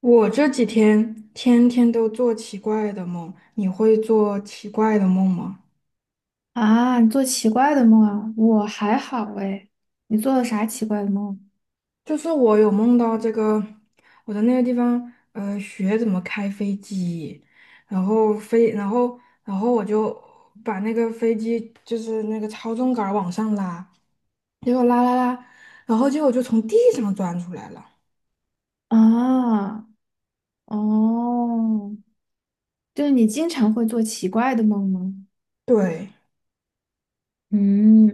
我这几天天天都做奇怪的梦，你会做奇怪的梦吗？啊，你做奇怪的梦啊？我还好哎，你做了啥奇怪的梦？就是我有梦到这个，我在那个地方，学怎么开飞机，然后飞，然后我就把那个飞机就是那个操纵杆儿往上拉，结果拉拉拉，然后结果就从地上钻出来了。啊，哦，就是你经常会做奇怪的梦吗？对，嗯，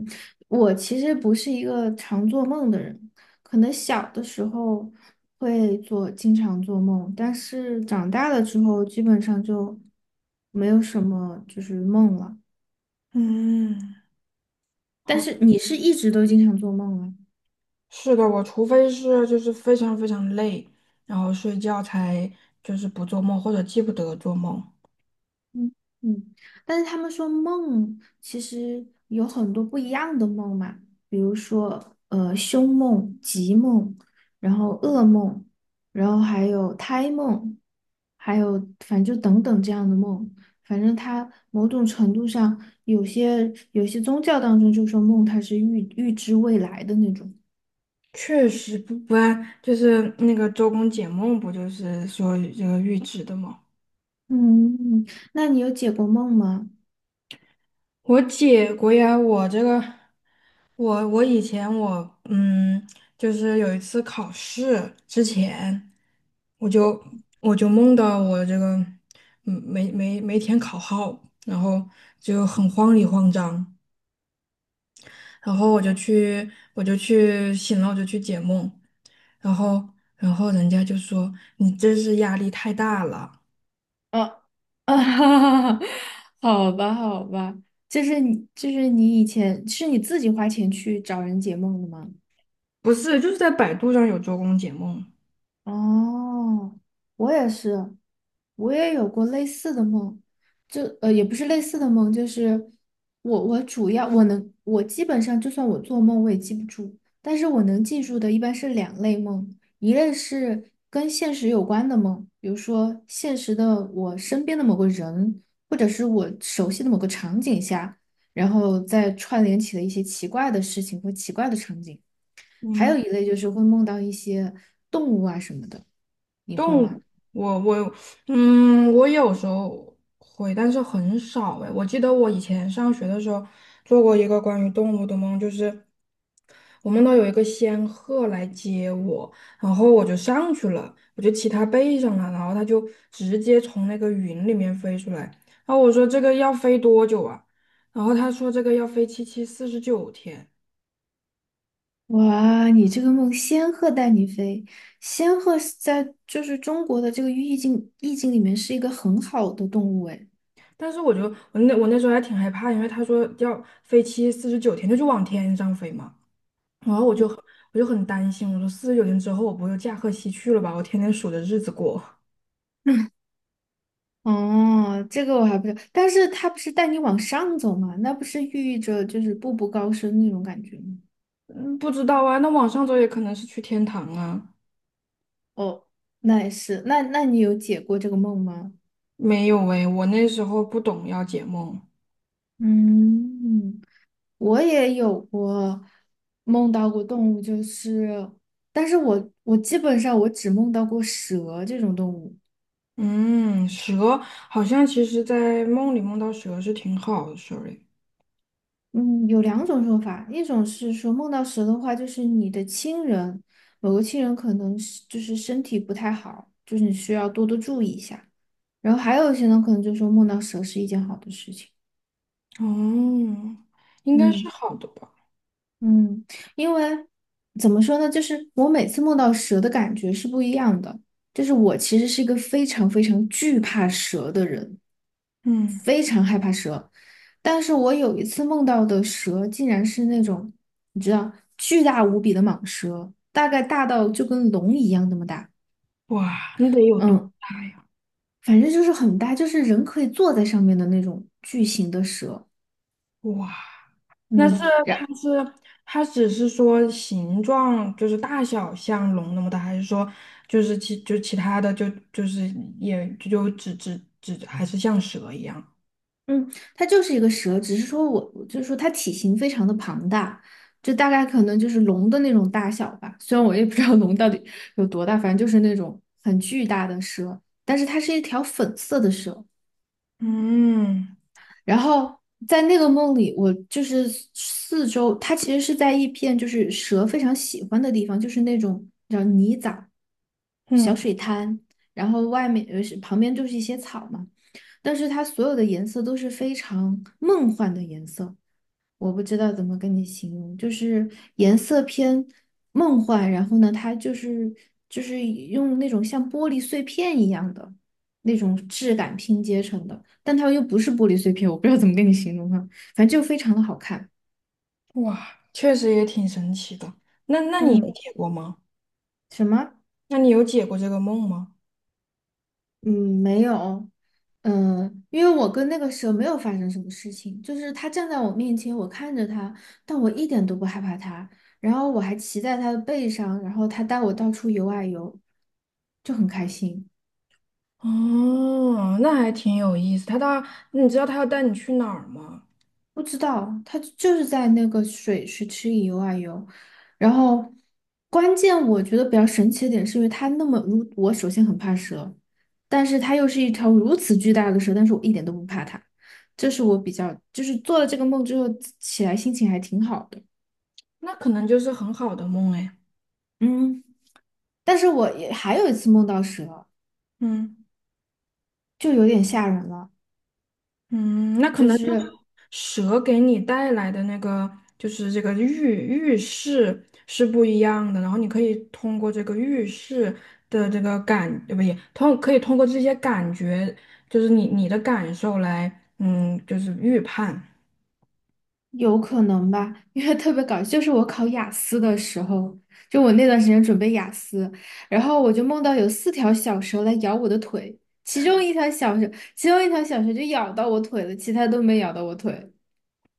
我其实不是一个常做梦的人，可能小的时候会做，经常做梦，但是长大了之后基本上就没有什么梦了。嗯，但好。是你是一直都经常做梦啊？是的，我除非是就是非常非常累，然后睡觉才就是不做梦或者记不得做梦。嗯嗯，但是他们说梦其实有很多不一样的梦嘛，比如说凶梦、吉梦，然后噩梦，然后还有胎梦，还有反正就等等这样的梦，反正它某种程度上有些宗教当中就说梦它是预知未来的那种。确实不然，就是那个周公解梦，不就是说这个预知的吗？嗯，那你有解过梦吗？我解过呀。我这个我以前就是有一次考试之前，我就我就梦到我这个没填考号，然后就很慌里慌张。然后我就去，我就去醒了，我就去解梦，然后，然后人家就说你这是压力太大了。啊，啊，哈哈！好吧，好吧，就是你以前是你自己花钱去找人解梦的吗？不是，就是在百度上有周公解梦。哦，我也是，我也有过类似的梦，就呃也不是类似的梦，就是我主要我基本上就算我做梦我也记不住，但是我能记住的一般是两类梦，一类是跟现实有关的梦，比如说现实的我身边的某个人，或者是我熟悉的某个场景下，然后再串联起了一些奇怪的事情或奇怪的场景。还有嗯，一类就是会梦到一些动物啊什么的，你会动，吗？物，我我我有时候会，但是很少哎。我记得我以前上学的时候做过一个关于动物的梦，就是。我梦到有一个仙鹤来接我，然后我就上去了，我就骑它背上了，然后它就直接从那个云里面飞出来。然后我说这个要飞多久啊？然后他说这个要飞七七四十九天。哇，你这个梦，仙鹤带你飞。仙鹤是在就是中国的这个意境里面是一个很好的动物诶。但是我那时候还挺害怕，因为他说要飞七四十九天，就是往天上飞嘛。然后我就很担心，我说四十九天之后我不就驾鹤西去了吧？我天天数着日子过。哦，这个我还不知道，但是它不是带你往上走吗？那不是寓意着就是步步高升那种感觉吗？嗯不知道啊，那往上走也可能是去天堂啊。哦，那也是，那你有解过这个梦吗？没有诶，我那时候不懂要解梦。嗯。我也有过梦到过动物，就是，但是我基本上我只梦到过蛇这种动物。嗯，蛇好像其实在梦里梦到蛇是挺好的 Sorry。嗯，有两种说法，一种是说梦到蛇的话，就是你的亲人，某个亲人可能是就是身体不太好，就是你需要多多注意一下。然后还有一些呢，可能就说梦到蛇是一件好的事情。哦，应该是嗯。好的吧？嗯，因为怎么说呢，就是我每次梦到蛇的感觉是不一样的。就是我其实是一个非常非常惧怕蛇的人，嗯，非常害怕蛇。但是我有一次梦到的蛇，竟然是那种你知道巨大无比的蟒蛇，大概大到就跟龙一样那么大。哇，那得有多嗯，大呀？反正就是很大，就是人可以坐在上面的那种巨型的蛇。哇，那是嗯。它然。是它只是说形状就是大小像龙那么大，还是说就是其他的就是，也就只还是像蛇一样？嗯，它就是一个蛇，只是说我就是说它体型非常的庞大，就大概可能就是龙的那种大小吧。虽然我也不知道龙到底有多大，反正就是那种很巨大的蛇，但是它是一条粉色的蛇。嗯然后在那个梦里，我就是四周，它其实是在一片就是蛇非常喜欢的地方，就是那种叫泥沼、小嗯，水滩，然后外面是旁边就是一些草嘛，但是它所有的颜色都是非常梦幻的颜色，我不知道怎么跟你形容，就是颜色偏梦幻，然后呢，它就是就是用那种像玻璃碎片一样的那种质感拼接成的，但它又不是玻璃碎片，我不知道怎么跟你形容哈，反正就非常的好看。哇，确实也挺神奇的。嗯，我们。什么？那你有解过这个梦吗？嗯，没有，嗯，因为我跟那个蛇没有发生什么事情，就是它站在我面前，我看着它，但我一点都不害怕它，然后我还骑在它的背上，然后它带我到处游啊游，就很开心。哦，那还挺有意思。你知道他要带你去哪儿吗？不知道，它就是在那个水池里游啊游，然后关键我觉得比较神奇的点是因为它那么如我首先很怕蛇，但是它又是一条如此巨大的蛇，但是我一点都不怕它，这是我比较就是做了这个梦之后起来心情还挺好的，那可能就是很好的梦哎。嗯，但是我也还有一次梦到蛇，嗯就有点吓人了。嗯，那可就能就是。蛇给你带来的那个，就是这个预示是不一样的。然后你可以通过这个预示的这个感，不也通可以通过这些感觉，就是你的感受来，就是预判。有可能吧，因为特别搞笑，就是我考雅思的时候，就我那段时间准备雅思，然后我就梦到有四条小蛇来咬我的腿，其中一条小蛇就咬到我腿了，其他都没咬到我腿。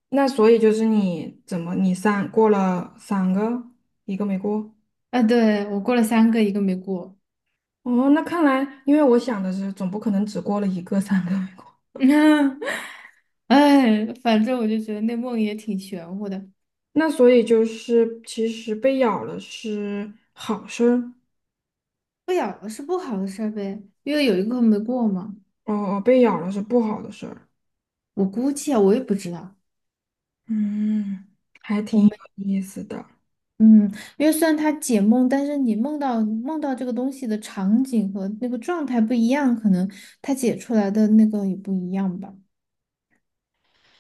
那所以就是你怎么你三过了三个，一个没过。啊，对，我过了三个，一个没过。哦，那看来，因为我想的是，总不可能只过了一个，三个没过。哎，反正我就觉得那梦也挺玄乎的，那所以就是，其实被咬了是好事儿。不咬了是不好的事儿呗，因为有一个没过嘛。哦，被咬了是不好的事儿。我估计啊，我也不知道。嗯，还我挺有没。意思的。嗯，因为虽然它解梦，但是你梦到这个东西的场景和那个状态不一样，可能它解出来的那个也不一样吧。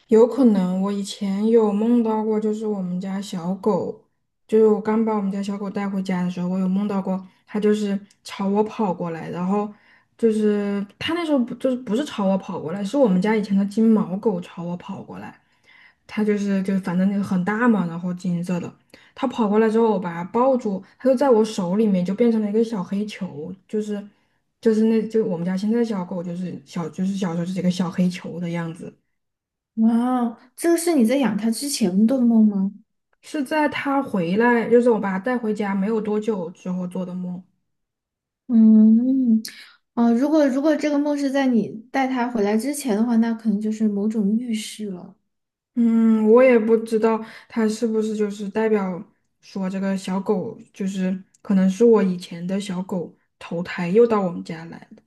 有可能我以前有梦到过，就是我们家小狗。就是我刚把我们家小狗带回家的时候，我有梦到过，它就是朝我跑过来，然后就是它那时候不就是不是朝我跑过来，是我们家以前的金毛狗朝我跑过来，它就是就反正那个很大嘛，然后金色的，它跑过来之后，我把它抱住，它就在我手里面就变成了一个小黑球，就是那就我们家现在的小狗就是小就是小时候就是一个小黑球的样子。哇，这个是你在养它之前的梦吗？是在他回来，就是我把他带回家没有多久之后做的梦。嗯，哦，如果这个梦是在你带它回来之前的话，那可能就是某种预示了。嗯，我也不知道他是不是就是代表说这个小狗就是可能是我以前的小狗投胎又到我们家来了。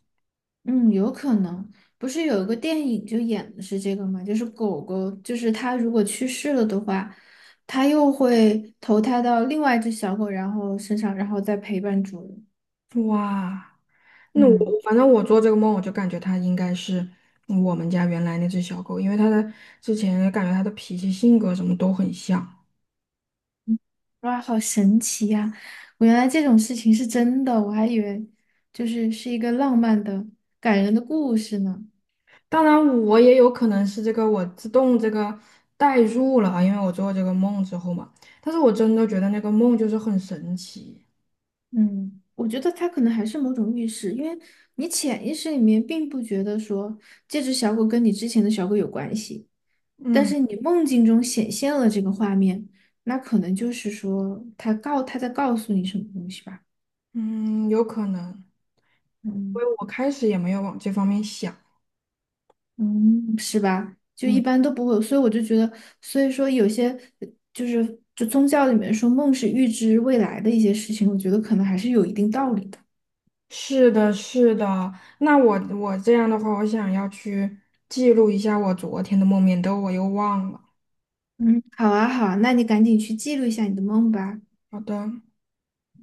嗯，有可能，不是有一个电影就演的是这个吗？就是狗狗，就是它如果去世了的话，它又会投胎到另外一只小狗，然后身上，然后再陪伴主人。哇，那我嗯，反正我做这个梦，我就感觉它应该是我们家原来那只小狗，因为它的之前感觉它的脾气、性格什么都很像。哇，好神奇呀！我原来这种事情是真的，我还以为是一个浪漫的、感人的故事呢。当然，我也有可能是这个我自动这个代入了啊，因为我做这个梦之后嘛。但是我真的觉得那个梦就是很神奇。嗯，我觉得它可能还是某种预示，因为你潜意识里面并不觉得说这只小狗跟你之前的小狗有关系。但嗯是你梦境中显现了这个画面，那可能就是说他在告诉你什么东西吧？嗯，有可能，因嗯为我开始也没有往这方面想。嗯，是吧？就一嗯，般都不会有所以我就觉得，所以说有些呃就宗教里面说梦是预知未来的一些事情，我觉得可能还是有一定道理的。是的，是的。那我这样的话，我想要去记录一下我昨天的梦，免得我又忘了。嗯，好啊，好啊，那你赶紧去记录一下你的梦吧。好的。